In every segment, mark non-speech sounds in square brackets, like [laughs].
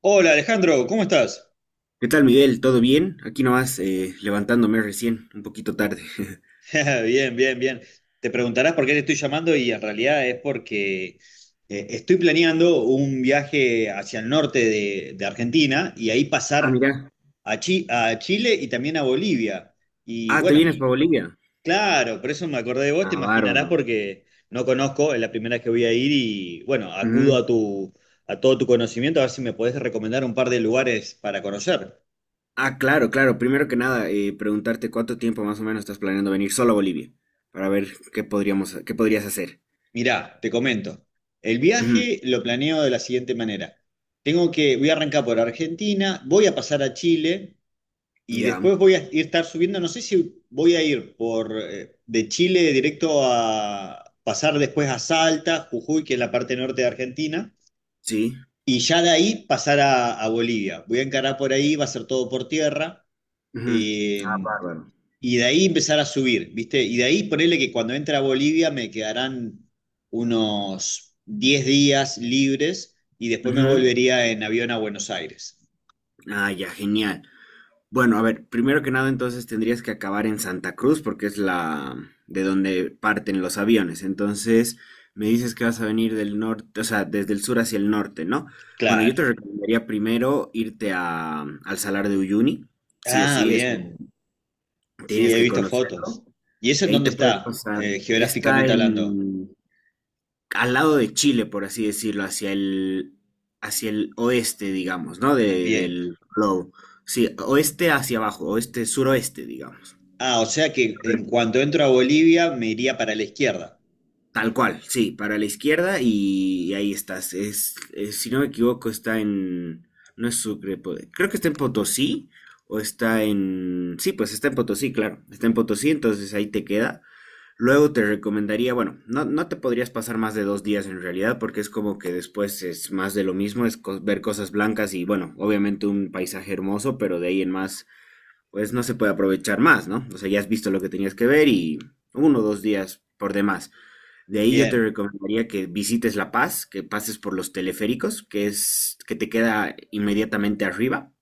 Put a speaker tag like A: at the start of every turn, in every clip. A: Hola Alejandro, ¿cómo estás?
B: ¿Qué tal, Miguel? ¿Todo bien? Aquí nomás levantándome recién, un poquito tarde. [laughs]
A: [laughs] Bien, bien, bien. Te preguntarás por qué te estoy llamando y en realidad es porque estoy planeando un viaje hacia el norte de Argentina y ahí
B: Ah,
A: pasar
B: mira.
A: a, a Chile y también a Bolivia. Y
B: Ah, ¿te
A: bueno,
B: vienes para Bolivia?
A: claro, por eso me acordé de vos, te
B: Ah,
A: imaginarás
B: bárbaro.
A: porque no conozco, es la primera vez que voy a ir y bueno, acudo
B: Ujú.
A: a todo tu conocimiento a ver si me podés recomendar un par de lugares para conocer.
B: Ah, claro, claro. Primero que nada, preguntarte cuánto tiempo más o menos estás planeando venir solo a Bolivia, para ver qué podrías hacer.
A: Mirá, te comento. El
B: Ujú.
A: viaje lo planeo de la siguiente manera. Voy a arrancar por Argentina, voy a pasar a Chile y
B: Ya,
A: después voy a ir estar subiendo, no sé si voy a ir por de Chile directo a pasar después a Salta, Jujuy, que es la parte norte de Argentina,
B: sí.
A: y ya de ahí pasar a Bolivia. Voy a encarar por ahí, va a ser todo por tierra
B: Ujú. Ah,
A: eh,
B: bárbaro.
A: y de ahí empezar a subir, ¿viste? Y de ahí ponerle que cuando entre a Bolivia me quedarán unos 10 días libres y después me
B: Ujú.
A: volvería en avión a Buenos Aires.
B: Ah, ya, genial. Bueno, a ver, primero que nada, entonces tendrías que acabar en Santa Cruz porque es la de donde parten los aviones. Entonces, me dices que vas a venir del norte, o sea, desde el sur hacia el norte, ¿no? Bueno, yo
A: Claro.
B: te recomendaría primero irte al Salar de Uyuni, sí o
A: Ah,
B: sí, eso
A: bien. Sí,
B: tienes
A: he
B: que
A: visto fotos.
B: conocerlo.
A: ¿Y eso
B: Y
A: en
B: ahí
A: dónde
B: te puedes
A: está,
B: pasar. Está
A: geográficamente hablando?
B: en, al lado de Chile, por así decirlo, hacia el oeste, digamos, ¿no?
A: Ah, bien.
B: Del globo. Sí, oeste hacia abajo, oeste, suroeste, digamos.
A: Ah, o sea que en
B: Correcto.
A: cuanto entro a Bolivia me iría para la izquierda.
B: Tal cual, sí, para la izquierda y ahí estás. Si no me equivoco, está en. No es Sucre, creo que está en Potosí o está en. Sí, pues está en Potosí, claro. Está en Potosí, entonces ahí te queda. Luego te recomendaría, bueno, no te podrías pasar más de 2 días en realidad porque es como que después es más de lo mismo, ver cosas blancas y bueno, obviamente un paisaje hermoso, pero de ahí en más, pues no se puede aprovechar más, ¿no? O sea, ya has visto lo que tenías que ver y 1 o 2 días por demás. De ahí yo te
A: Bien.
B: recomendaría que visites La Paz, que pases por los teleféricos, que es que te queda inmediatamente arriba.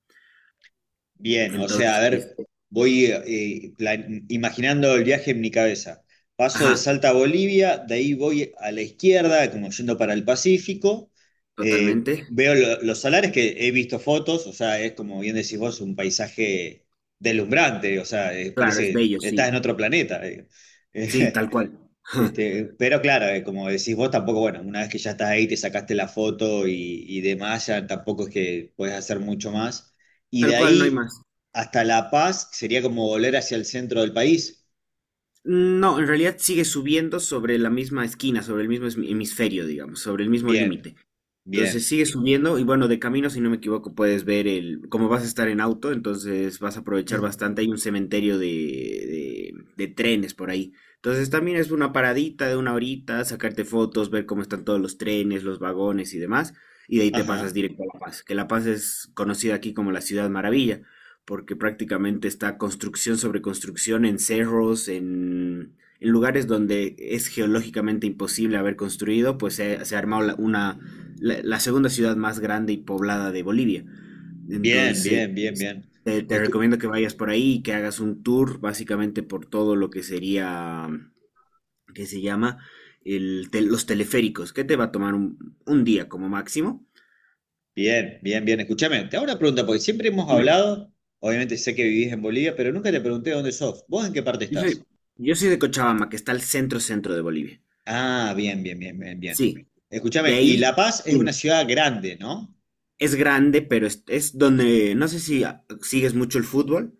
A: Bien, o sea, a
B: Entonces,
A: ver, voy imaginando el viaje en mi cabeza. Paso de
B: ajá,
A: Salta a Bolivia, de ahí voy a la izquierda, como yendo para el Pacífico.
B: totalmente.
A: Veo los salares que he visto fotos, o sea, es como bien decís vos, un paisaje deslumbrante, o sea,
B: Claro, es
A: parece
B: bello,
A: que estás en
B: sí.
A: otro planeta.
B: Sí,
A: [laughs]
B: tal cual. [laughs]
A: Este, pero claro, como decís vos, tampoco, bueno, una vez que ya estás ahí, te sacaste la foto y demás, ya tampoco es que puedes hacer mucho más. Y
B: Tal
A: de
B: cual, no hay
A: ahí
B: más.
A: hasta La Paz sería como volver hacia el centro del país.
B: No, en realidad sigue subiendo sobre la misma esquina, sobre el mismo hemisferio, digamos, sobre el mismo
A: Bien,
B: límite. Entonces
A: bien.
B: sigue
A: [clears throat]
B: subiendo y bueno, de camino, si no me equivoco, puedes ver como vas a estar en auto, entonces vas a aprovechar
A: Mm.
B: bastante. Hay un cementerio de trenes por ahí. Entonces también es una paradita de una horita, sacarte fotos, ver cómo están todos los trenes, los vagones y demás. Y de ahí te pasas
A: Ajá.
B: directo a La Paz, que La Paz es conocida aquí como la Ciudad Maravilla, porque prácticamente está construcción sobre construcción en cerros, en lugares donde es geológicamente imposible haber construido, pues se ha armado la segunda ciudad más grande y poblada de Bolivia.
A: Bien,
B: Entonces,
A: bien, bien, bien.
B: te
A: Escu-
B: recomiendo que vayas por ahí y que hagas un tour básicamente por todo lo que sería, que se llama los teleféricos, que te va a tomar un día como máximo.
A: Bien, bien, bien. Escúchame, te hago una pregunta, porque siempre hemos
B: Dime,
A: hablado, obviamente sé que vivís en Bolivia, pero nunca te pregunté dónde sos. ¿Vos en qué parte
B: yo soy,
A: estás?
B: yo soy de Cochabamba, que está al centro centro de Bolivia.
A: Ah, bien, bien, bien, bien, bien.
B: Sí, de
A: Escúchame, y La
B: ahí
A: Paz es una
B: dime,
A: ciudad grande, ¿no?
B: es grande, pero es donde, no sé si sigues mucho el fútbol.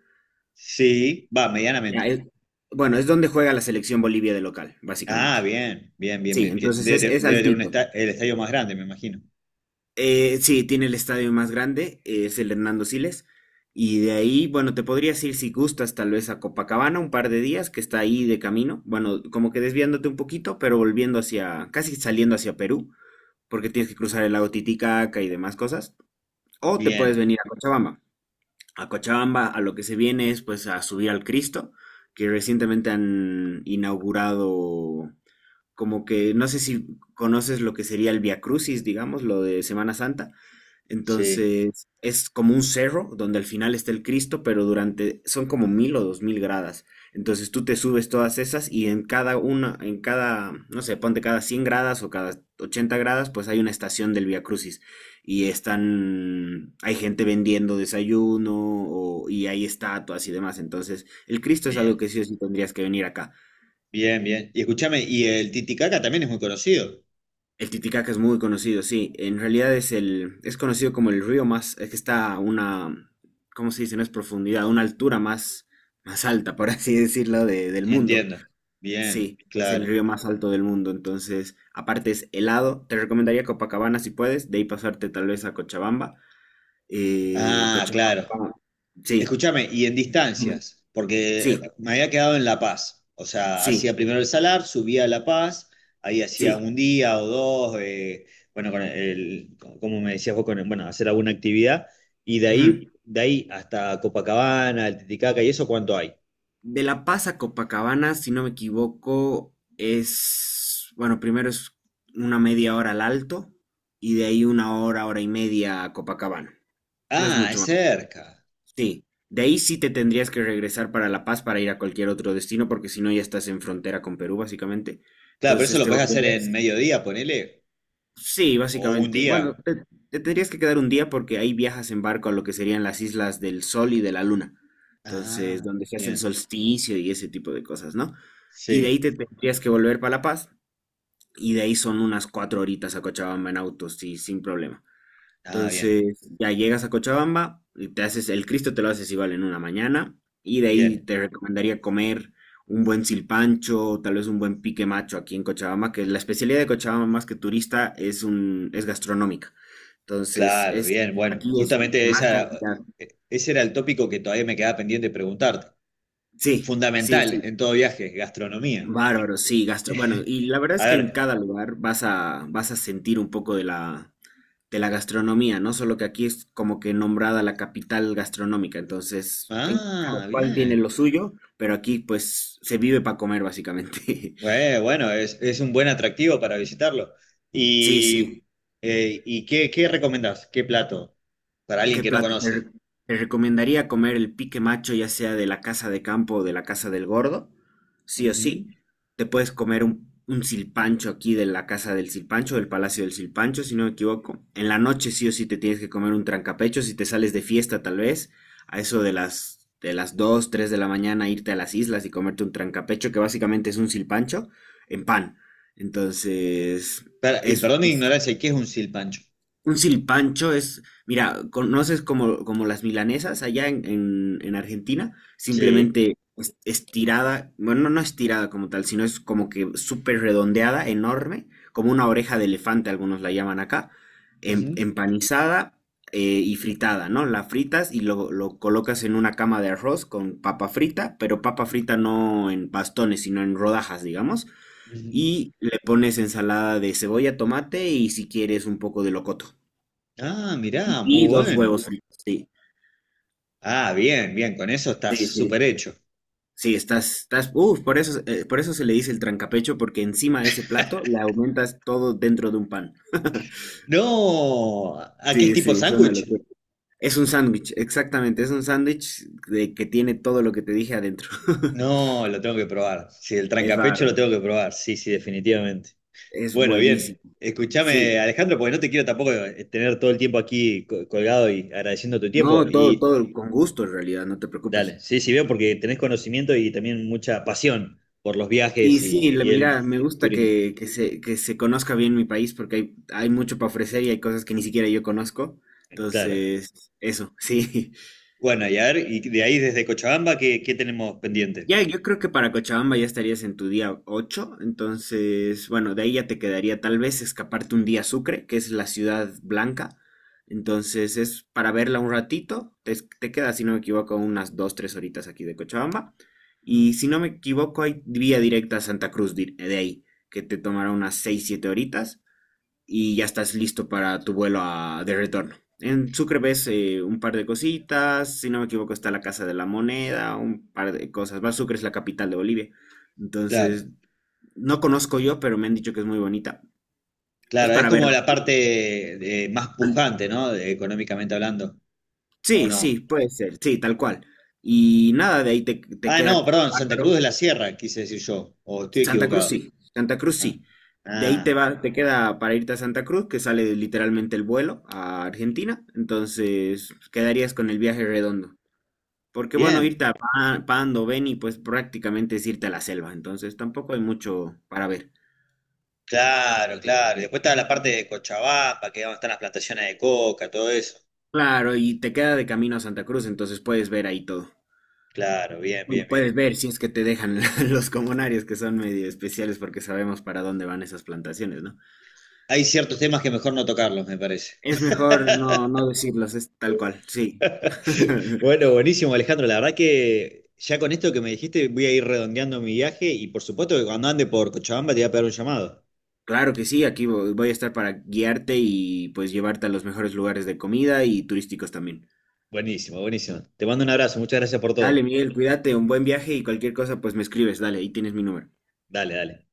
A: Sí, va,
B: Ya,
A: medianamente.
B: bueno, es donde juega la selección Bolivia de local,
A: Ah,
B: básicamente.
A: bien, bien, bien,
B: Sí,
A: bien. Que
B: entonces es, es
A: debe tener
B: altito.
A: el estadio más grande, me imagino.
B: Sí, tiene el estadio más grande, es el Hernando Siles. Y de ahí, bueno, te podrías ir si gustas tal vez a Copacabana un par de días, que está ahí de camino. Bueno, como que desviándote un poquito, pero volviendo hacia, casi saliendo hacia Perú, porque tienes que cruzar el lago Titicaca y demás cosas. O te puedes
A: Bien,
B: venir a Cochabamba. A Cochabamba a lo que se viene es pues a subir al Cristo, que recientemente han inaugurado como que no sé si conoces lo que sería el Via Crucis, digamos, lo de Semana Santa.
A: sí,
B: Entonces, es como un cerro donde al final está el Cristo, pero durante son como 1.000 o 2.000 gradas. Entonces, tú te subes todas esas y en cada una, en cada, no sé, ponte cada 100 gradas o cada 80 gradas, pues hay una estación del Via Crucis y hay gente vendiendo desayuno y hay estatuas y demás. Entonces, el Cristo es algo
A: bien,
B: que sí o sí tendrías que venir acá.
A: bien, bien. Y escúchame, y el Titicaca también es muy conocido.
B: El Titicaca es muy conocido, sí. En realidad es conocido como el río más, es que está a una, ¿cómo se dice? No es profundidad, a una altura más alta, por [laughs] así decirlo, del mundo.
A: Entiendo. Bien,
B: Sí, es el
A: claro.
B: río más alto del mundo. Entonces, aparte es helado. Te recomendaría Copacabana si puedes, de ahí pasarte tal vez a Cochabamba.
A: Ah,
B: Cochabamba,
A: claro.
B: sí,
A: Escúchame, y en
B: dime.
A: distancias, porque
B: Sí,
A: me había quedado en La Paz. O sea, hacía
B: sí,
A: primero el Salar, subía a La Paz, ahí hacía
B: sí.
A: un día o dos, bueno, como me decías vos, bueno, hacer alguna actividad, y
B: Ujú.
A: de ahí hasta Copacabana, el Titicaca, ¿y eso cuánto hay?
B: De La Paz a Copacabana, si no me equivoco, es, bueno, primero es una media hora al alto y de ahí una hora, hora y media a Copacabana. No es
A: Ah,
B: mucho
A: es
B: más.
A: cerca.
B: Sí. De ahí sí te tendrías que regresar para La Paz para ir a cualquier otro destino, porque si no ya estás en frontera con Perú, básicamente.
A: Claro, pero eso
B: Entonces
A: lo
B: te
A: puedes hacer en
B: volverías.
A: mediodía, ponele,
B: Sí,
A: o un
B: básicamente. Bueno,
A: día.
B: te tendrías que quedar un día porque ahí viajas en barco a lo que serían las islas del Sol y de la Luna. Entonces,
A: Ah,
B: donde se hace el
A: bien,
B: solsticio y ese tipo de cosas, ¿no? Y de ahí
A: sí.
B: te tendrías que volver para La Paz y de ahí son unas 4 horitas a Cochabamba en auto, sí, sin problema.
A: Ah, bien,
B: Entonces, ya llegas a Cochabamba, y te haces el Cristo, te lo haces igual en una mañana, y de ahí
A: bien.
B: te recomendaría comer un buen silpancho, tal vez un buen pique macho aquí en Cochabamba, que la especialidad de Cochabamba más que turista es gastronómica. Entonces,
A: Claro,
B: es
A: bien, bueno,
B: aquí es más cantidad.
A: ese era el tópico que todavía me quedaba pendiente de preguntarte.
B: Sí, sí,
A: Fundamental
B: sí.
A: en todo viaje, gastronomía.
B: Bárbaro, sí, gastro. Bueno, y la
A: [laughs]
B: verdad
A: A
B: es que en
A: ver,
B: cada lugar vas a sentir un poco de la gastronomía, ¿no? Solo que aquí es como que nombrada la capital gastronómica, entonces en cada
A: ah,
B: cual tiene lo
A: bien.
B: suyo, pero aquí pues se vive para comer básicamente. [laughs]
A: Bueno, es un buen atractivo para visitarlo.
B: Sí, sí.
A: ¿Y, ¿Y qué, qué recomendás? ¿Qué plato para alguien
B: ¿Qué
A: que no
B: plato?
A: conoce?
B: Te recomendaría comer el pique macho, ya sea de la casa de campo o de la casa del gordo, sí o sí.
A: Ujú.
B: Te puedes comer un silpancho aquí de la casa del silpancho, del palacio del silpancho, si no me equivoco. En la noche sí o sí te tienes que comer un trancapecho, si te sales de fiesta tal vez, a eso de las 2, 3 de la mañana, irte a las islas y comerte un trancapecho, que básicamente es un silpancho en pan. Entonces,
A: Y
B: es
A: perdón mi ignorancia, ¿qué es un silpancho?
B: un silpancho es, mira, conoces como, las milanesas allá en, en Argentina,
A: Sí.
B: simplemente estirada, bueno, no estirada como tal, sino es como que súper redondeada, enorme, como una oreja de elefante, algunos la llaman acá,
A: Ujú,
B: empanizada y fritada, ¿no? La fritas y lo colocas en una cama de arroz con papa frita, pero papa frita no en bastones, sino en rodajas, digamos,
A: ujú.
B: y le pones ensalada de cebolla, tomate y si quieres un poco de locoto.
A: Ah, mirá, muy
B: Y dos
A: bueno.
B: huevos fritos, sí.
A: Ah, bien, bien, con eso estás
B: Sí,
A: súper
B: sí.
A: hecho.
B: Sí, estás, uf, por eso se le dice el trancapecho, porque encima de ese plato le aumentas todo dentro de un pan. [laughs]
A: No, ¿a qué es
B: Sí,
A: tipo
B: sí, es una
A: sándwich?
B: locura. Es un sándwich, exactamente, es un sándwich de que tiene todo lo que te dije adentro. [laughs]
A: No, lo tengo que probar. Sí, el
B: Es
A: trancapecho lo
B: bárbaro,
A: tengo que probar. Sí, sí, definitivamente.
B: es
A: Bueno, bien.
B: buenísimo. Sí,
A: Escúchame, Alejandro, porque no te quiero tampoco tener todo el tiempo aquí colgado y agradeciendo tu tiempo.
B: no, todo,
A: Y
B: todo con gusto en realidad, no te preocupes.
A: dale, sí, sí, veo porque tenés conocimiento y también mucha pasión por los
B: Y
A: viajes
B: sí,
A: y el
B: mira, me gusta
A: turismo.
B: que se conozca bien mi país porque hay mucho para ofrecer y hay cosas que ni siquiera yo conozco.
A: Claro.
B: Entonces, eso, [laughs] sí.
A: Bueno, y a ver, y de ahí desde Cochabamba, ¿qué, qué tenemos pendiente?
B: Ya, yo creo que para Cochabamba ya estarías en tu día 8 entonces, bueno, de ahí ya te quedaría tal vez escaparte un día a Sucre, que es la ciudad blanca, entonces es para verla un ratito, te queda, si no me equivoco, unas 2 3 horitas aquí de Cochabamba, y si no me equivoco, hay vía directa a Santa Cruz de ahí, que te tomará unas 6 7 horitas, y ya estás listo para tu vuelo de retorno. En Sucre ves un par de cositas, si no me equivoco está la Casa de la Moneda, un par de cosas. Va, Sucre es la capital de Bolivia.
A: Claro,
B: Entonces, no conozco yo, pero me han dicho que es muy bonita. Es
A: claro, es
B: para
A: como
B: verlo.
A: la parte más
B: An-
A: pujante, ¿no? Económicamente hablando. ¿O
B: Sí, sí,
A: no?
B: puede ser, sí, tal cual. Y nada, de ahí te
A: Ah,
B: queda
A: no, perdón, Santa Cruz
B: bárbaro.
A: de la Sierra, quise decir yo. O estoy
B: Santa Cruz,
A: equivocado.
B: sí, Santa Cruz,
A: Ah,
B: sí. De ahí
A: ah,
B: te queda para irte a Santa Cruz, que sale literalmente el vuelo a Argentina. Entonces, quedarías con el viaje redondo. Porque bueno,
A: bien.
B: irte a Pando, Beni, pues prácticamente es irte a la selva, entonces tampoco hay mucho para ver.
A: Claro, claro. Y después está la parte de Cochabamba, que es donde están las plantaciones de coca, todo eso.
B: Claro, y te queda de camino a Santa Cruz, entonces puedes ver ahí todo.
A: Claro, bien,
B: Bueno,
A: bien, bien.
B: puedes ver si es que te dejan [laughs] los comunarios que son medio especiales porque sabemos para dónde van esas plantaciones, ¿no?
A: Hay ciertos temas que mejor no tocarlos, me parece.
B: Es mejor no,
A: [laughs]
B: no decirlos, es tal cual, sí. [laughs]
A: Bueno, buenísimo, Alejandro. La verdad que ya con esto que me dijiste voy a ir redondeando mi viaje y por supuesto que cuando ande por Cochabamba te voy a pegar un llamado.
B: Claro que sí, aquí voy a estar para guiarte y pues llevarte a los mejores lugares de comida y turísticos también.
A: Buenísimo, buenísimo. Te mando un abrazo, muchas gracias por
B: Dale,
A: todo.
B: Miguel, cuídate, un buen viaje y cualquier cosa, pues me escribes, dale, ahí tienes mi número.
A: Dale, dale.